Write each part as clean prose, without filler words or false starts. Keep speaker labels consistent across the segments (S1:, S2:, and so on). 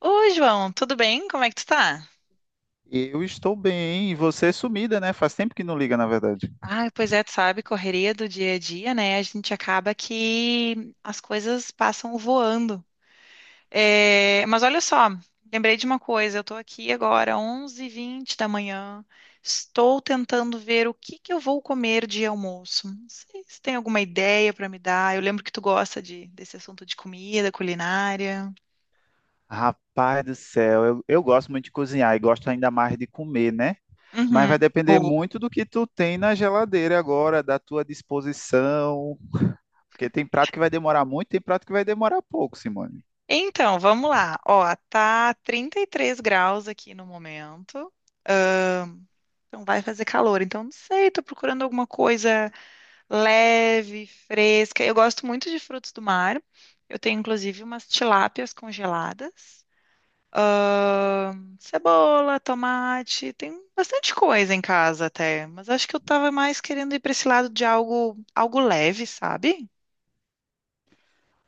S1: Oi, João, tudo bem? Como é que tu tá?
S2: Eu estou bem, e você é sumida, né? Faz tempo que não liga, na verdade.
S1: Ah, pois é, tu sabe, correria do dia a dia, né? A gente acaba que as coisas passam voando. É, mas olha só, lembrei de uma coisa, eu tô aqui agora, onze h 20 da manhã, estou tentando ver o que que eu vou comer de almoço. Não sei se tem alguma ideia pra me dar. Eu lembro que tu gosta desse assunto de comida, culinária.
S2: Rapaz do céu, eu gosto muito de cozinhar e gosto ainda mais de comer, né? Mas
S1: Uhum.
S2: vai depender muito do que tu tem na geladeira agora, da tua disposição, porque tem prato que vai demorar muito, tem prato que vai demorar pouco, Simone.
S1: Então, vamos lá. Ó, tá 33 graus aqui no momento. Ah, então vai fazer calor. Então, não sei, tô procurando alguma coisa leve, fresca. Eu gosto muito de frutos do mar. Eu tenho, inclusive, umas tilápias congeladas. Cebola, tomate, tem bastante coisa em casa até, mas acho que eu tava mais querendo ir para esse lado de algo leve, sabe?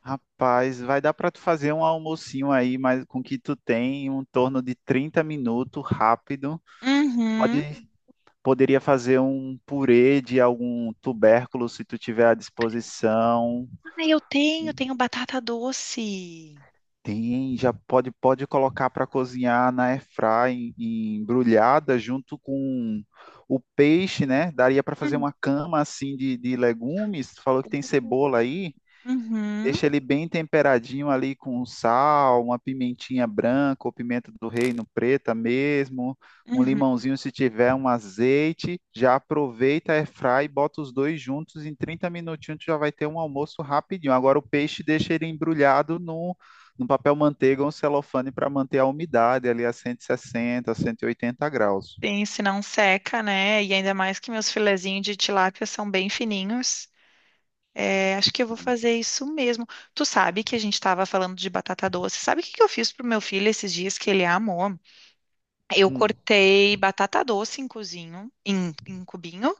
S2: Rapaz, vai dar para tu fazer um almocinho aí, mas com o que tu tem, em um torno de 30 minutos, rápido. Pode,
S1: Uhum.
S2: Poderia fazer um purê de algum tubérculo se tu tiver à disposição.
S1: Ah, eu tenho, tenho batata doce.
S2: Tem, já pode colocar para cozinhar na airfry embrulhada junto com o peixe, né? Daria para fazer uma cama assim de legumes. Tu falou que tem cebola aí.
S1: Uhum,
S2: Deixa ele bem temperadinho ali com sal, uma pimentinha branca ou pimenta do reino preta mesmo, um
S1: uhum.
S2: limãozinho se tiver, um azeite. Já aproveita, airfry e bota os dois juntos. Em 30 minutinhos tu já vai ter um almoço rapidinho. Agora o peixe deixa ele embrulhado no papel manteiga ou um celofane para manter a umidade ali a 160, 180 graus.
S1: Sim, se não seca, né? E ainda mais que meus filezinhos de tilápia são bem fininhos. É, acho que eu vou fazer isso mesmo. Tu sabe que a gente estava falando de batata doce. Sabe o que que eu fiz pro meu filho esses dias que ele amou? Eu
S2: Hum.
S1: cortei batata doce em cozinho, em cubinho.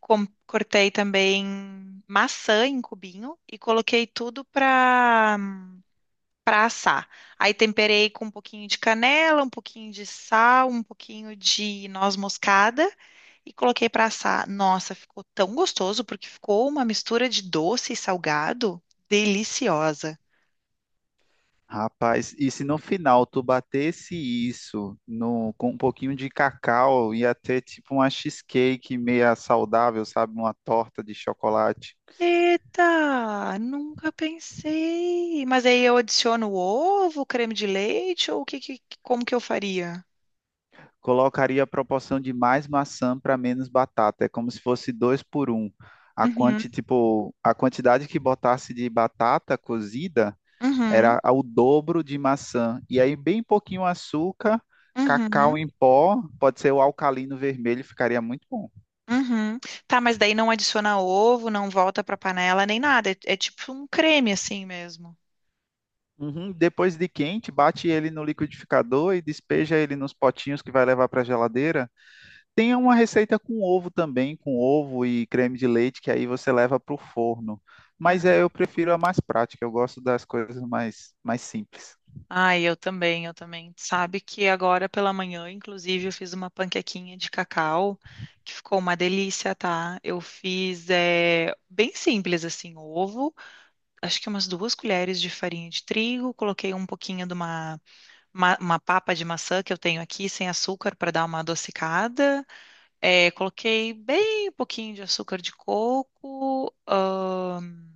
S1: Cortei também maçã em cubinho e coloquei tudo para assar. Aí temperei com um pouquinho de canela, um pouquinho de sal, um pouquinho de noz moscada e coloquei para assar. Nossa, ficou tão gostoso porque ficou uma mistura de doce e salgado deliciosa.
S2: Rapaz, e se no final tu batesse isso no, com um pouquinho de cacau, ia ter tipo uma cheesecake meia saudável, sabe? Uma torta de chocolate.
S1: Eita, nunca pensei. Mas aí eu adiciono ovo, creme de leite ou o que, como que eu faria?
S2: Colocaria a proporção de mais maçã para menos batata. É como se fosse dois por um.
S1: Uhum,
S2: A quantidade que botasse de batata cozida
S1: uhum,
S2: era ao dobro de maçã. E aí, bem pouquinho açúcar,
S1: uhum,
S2: cacau em pó, pode ser o alcalino vermelho, ficaria muito bom.
S1: uhum. Tá, mas daí não adiciona ovo, não volta pra panela nem nada. É, é tipo um creme assim mesmo.
S2: Uhum. Depois de quente, bate ele no liquidificador e despeja ele nos potinhos que vai levar para a geladeira. Tem uma receita com ovo também, com ovo e creme de leite, que aí você leva para o forno.
S1: Aham.
S2: Eu prefiro a mais prática, eu gosto das coisas mais simples.
S1: Ai, eu também, eu também. Sabe que agora pela manhã, inclusive, eu fiz uma panquequinha de cacau que ficou uma delícia, tá? Eu fiz é, bem simples assim, ovo, acho que umas duas colheres de farinha de trigo, coloquei um pouquinho de uma, uma papa de maçã que eu tenho aqui sem açúcar para dar uma adocicada. É, coloquei bem pouquinho de açúcar de coco,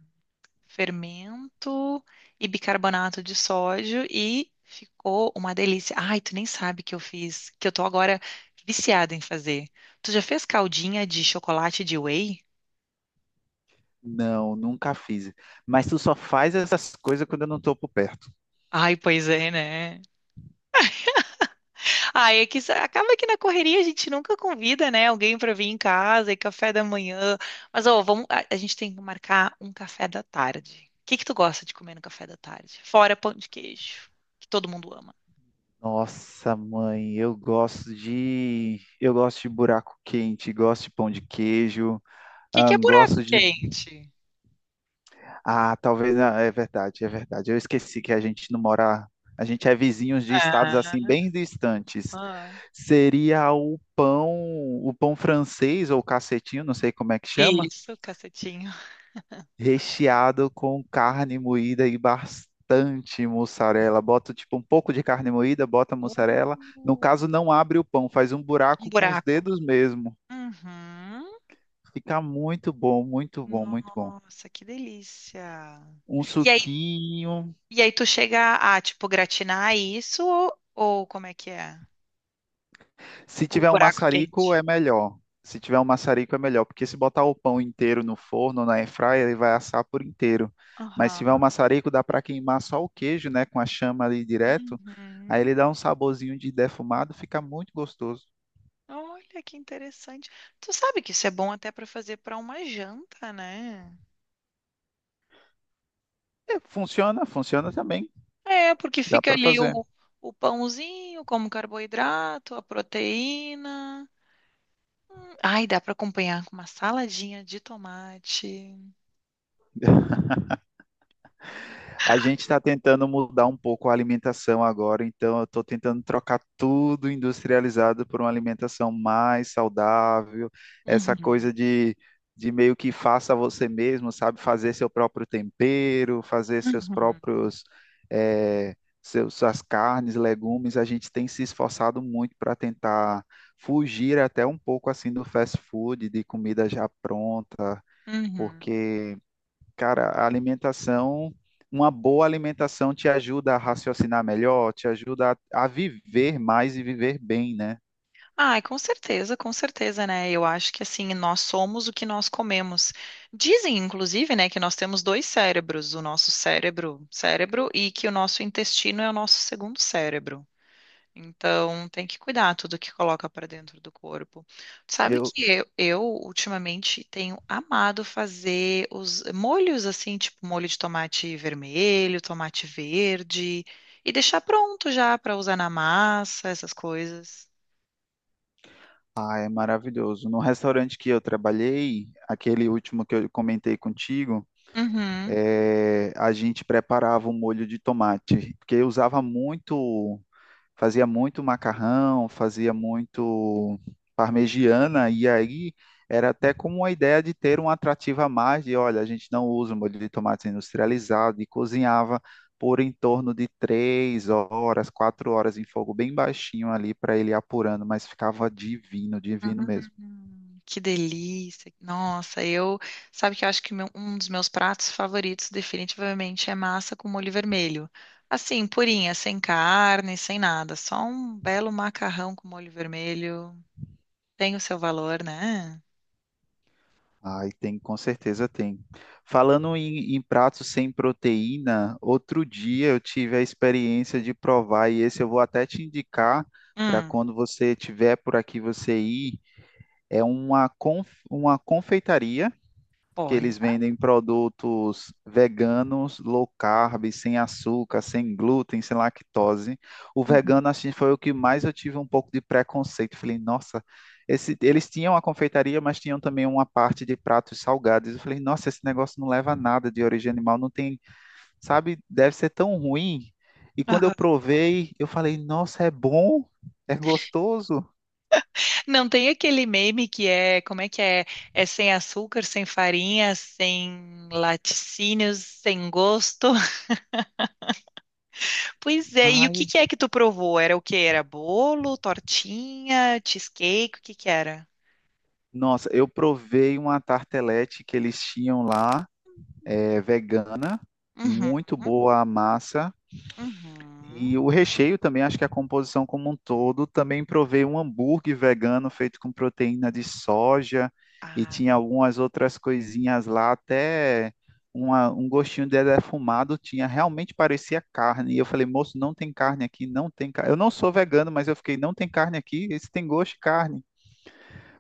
S1: fermento e bicarbonato de sódio e ficou uma delícia. Ai, tu nem sabe que eu fiz, que eu tô agora viciada em fazer. Tu já fez caldinha de chocolate de whey?
S2: Não, nunca fiz. Mas tu só faz essas coisas quando eu não estou por perto.
S1: Ai, pois é, né? Ah, é que acaba que na correria a gente nunca convida, né, alguém para vir em casa e café da manhã. Mas ó, vamos, a gente tem que marcar um café da tarde. O que que tu gosta de comer no café da tarde? Fora pão de queijo, que todo mundo ama.
S2: Nossa, mãe, eu gosto de buraco quente, gosto de pão de queijo,
S1: O que que
S2: ah,
S1: é buraco
S2: gosto de
S1: quente?
S2: É verdade, é verdade. Eu esqueci que a gente não mora, a gente é vizinhos de estados assim
S1: Ah,
S2: bem distantes.
S1: ah,
S2: Seria o pão francês ou cacetinho, não sei como é que chama,
S1: isso, cacetinho.
S2: recheado com carne moída e bastante mussarela. Bota tipo um pouco de carne moída, bota
S1: Uh,
S2: mussarela. No caso, não abre o pão, faz um
S1: Um
S2: buraco com os
S1: buraco.
S2: dedos mesmo.
S1: Uhum.
S2: Fica muito bom, muito bom, muito bom.
S1: Nossa, que delícia.
S2: Um
S1: E aí,
S2: suquinho.
S1: e aí tu chega a, tipo, gratinar isso ou como é que é?
S2: Se
S1: O
S2: tiver um
S1: buraco
S2: maçarico,
S1: quente.
S2: é melhor. Se tiver um maçarico, é melhor, porque se botar o pão inteiro no forno, na airfryer, ele vai assar por inteiro. Mas se tiver um
S1: Aham.
S2: maçarico, dá para queimar só o queijo, né, com a chama ali direto. Aí
S1: Uhum.
S2: ele dá um saborzinho de defumado, fica muito gostoso.
S1: Olha que interessante. Tu sabe que isso é bom até para fazer para uma janta, né?
S2: É, funciona, funciona também.
S1: É, porque
S2: Dá
S1: fica
S2: para
S1: ali
S2: fazer.
S1: o, pãozinho como carboidrato, a proteína. Hum. Ai, dá para acompanhar com uma saladinha de tomate.
S2: A gente está tentando mudar um pouco a alimentação agora, então eu estou tentando trocar tudo industrializado por uma alimentação mais saudável, essa
S1: Uhum.
S2: coisa de meio que faça você mesmo, sabe? Fazer seu próprio tempero, fazer seus
S1: Uhum.
S2: próprios, eh, seus, suas carnes, legumes. A gente tem se esforçado muito para tentar fugir até um pouco assim do fast food, de comida já pronta,
S1: Uhum.
S2: porque cara, a alimentação, uma boa alimentação te ajuda a raciocinar melhor, te ajuda a viver mais e viver bem, né?
S1: Ai, com certeza, né? Eu acho que assim, nós somos o que nós comemos. Dizem, inclusive, né, que nós temos dois cérebros, o nosso cérebro, e que o nosso intestino é o nosso segundo cérebro. Então, tem que cuidar tudo que coloca para dentro do corpo. Sabe
S2: Eu,
S1: que eu ultimamente tenho amado fazer os molhos assim, tipo molho de tomate vermelho, tomate verde, e deixar pronto já para usar na massa, essas coisas.
S2: É maravilhoso. No restaurante que eu trabalhei, aquele último que eu comentei contigo,
S1: Uhum.
S2: é a gente preparava um molho de tomate, porque eu usava muito, fazia muito macarrão, fazia muito parmegiana, e aí era até como uma ideia de ter um atrativo a mais de, olha, a gente não usa molho de tomate industrializado, e cozinhava por em torno de 3 horas, 4 horas em fogo bem baixinho ali para ele ir apurando, mas ficava divino, divino mesmo.
S1: Que delícia. Nossa, eu, sabe que eu acho que um dos meus pratos favoritos definitivamente é massa com molho vermelho. Assim, purinha, sem carne, sem nada, só um belo macarrão com molho vermelho. Tem o seu valor, né?
S2: Ai, tem, com certeza tem. Falando em pratos sem proteína, outro dia eu tive a experiência de provar, e esse eu vou até te indicar para
S1: Hum,
S2: quando você tiver por aqui você ir. É uma confeitaria que
S1: olha.
S2: eles vendem produtos veganos, low carb, sem açúcar, sem glúten, sem lactose. O
S1: Uhum.
S2: vegano, assim, foi o que mais eu tive um pouco de preconceito. Falei, nossa, eles tinham a confeitaria, mas tinham também uma parte de pratos salgados. Eu falei, nossa, esse negócio não leva a nada de origem animal, não tem, sabe, deve ser tão ruim. E quando eu
S1: Aham.
S2: provei, eu falei, nossa, é bom, é gostoso,
S1: Não tem aquele meme que é, como é que é? É sem açúcar, sem farinha, sem laticínios, sem gosto. Pois é, e o que
S2: mas...
S1: que é que tu provou? Era o que? Era bolo, tortinha, cheesecake? O que que era?
S2: Nossa, eu provei uma tartelete que eles tinham lá, vegana, muito
S1: Uhum,
S2: boa a massa.
S1: uhum.
S2: E o recheio também, acho que a composição como um todo, também provei um hambúrguer vegano feito com proteína de soja e tinha
S1: Ai,
S2: algumas outras coisinhas lá, até um gostinho de defumado tinha, realmente parecia carne. E eu falei, moço, não tem carne aqui, não tem carne. Eu não sou vegano, mas eu fiquei, não tem carne aqui, esse tem gosto de carne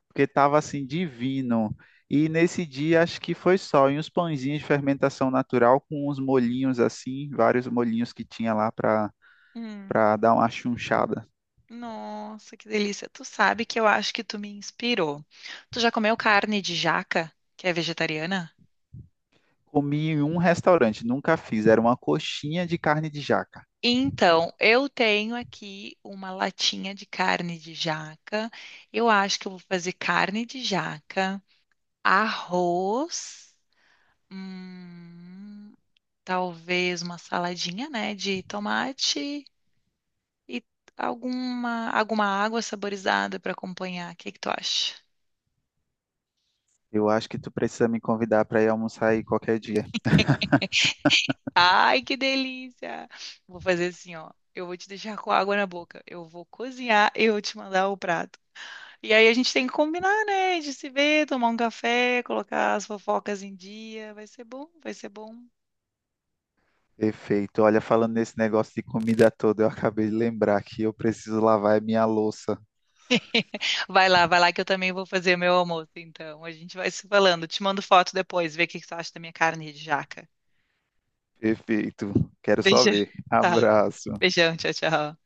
S2: porque estava assim divino. E nesse dia acho que foi só, e uns pãezinhos de fermentação natural com uns molhinhos assim, vários molhinhos que tinha lá
S1: hum.
S2: para dar uma chunchada.
S1: Nossa, que delícia. Tu sabe que eu acho que tu me inspirou. Tu já comeu carne de jaca, que é vegetariana?
S2: Comi em um restaurante, nunca fiz, era uma coxinha de carne de jaca.
S1: Então, eu tenho aqui uma latinha de carne de jaca. Eu acho que eu vou fazer carne de jaca, arroz. Hum, talvez uma saladinha, né, de tomate e alguma água saborizada para acompanhar. O que que tu acha?
S2: Eu acho que tu precisa me convidar para ir almoçar aí qualquer dia.
S1: Ai, que delícia! Vou fazer assim, ó. Eu vou te deixar com água na boca. Eu vou cozinhar e eu vou te mandar o prato. E aí a gente tem que combinar, né? De se ver, tomar um café, colocar as fofocas em dia. Vai ser bom, vai ser bom.
S2: Perfeito. Olha, falando nesse negócio de comida toda, eu acabei de lembrar que eu preciso lavar a minha louça.
S1: Vai lá que eu também vou fazer meu almoço, então. A gente vai se falando. Te mando foto depois, ver o que que tu acha da minha carne de jaca.
S2: Perfeito. Quero só
S1: Beijo.
S2: ver.
S1: Tá.
S2: Abraço.
S1: Beijão, tchau, tchau.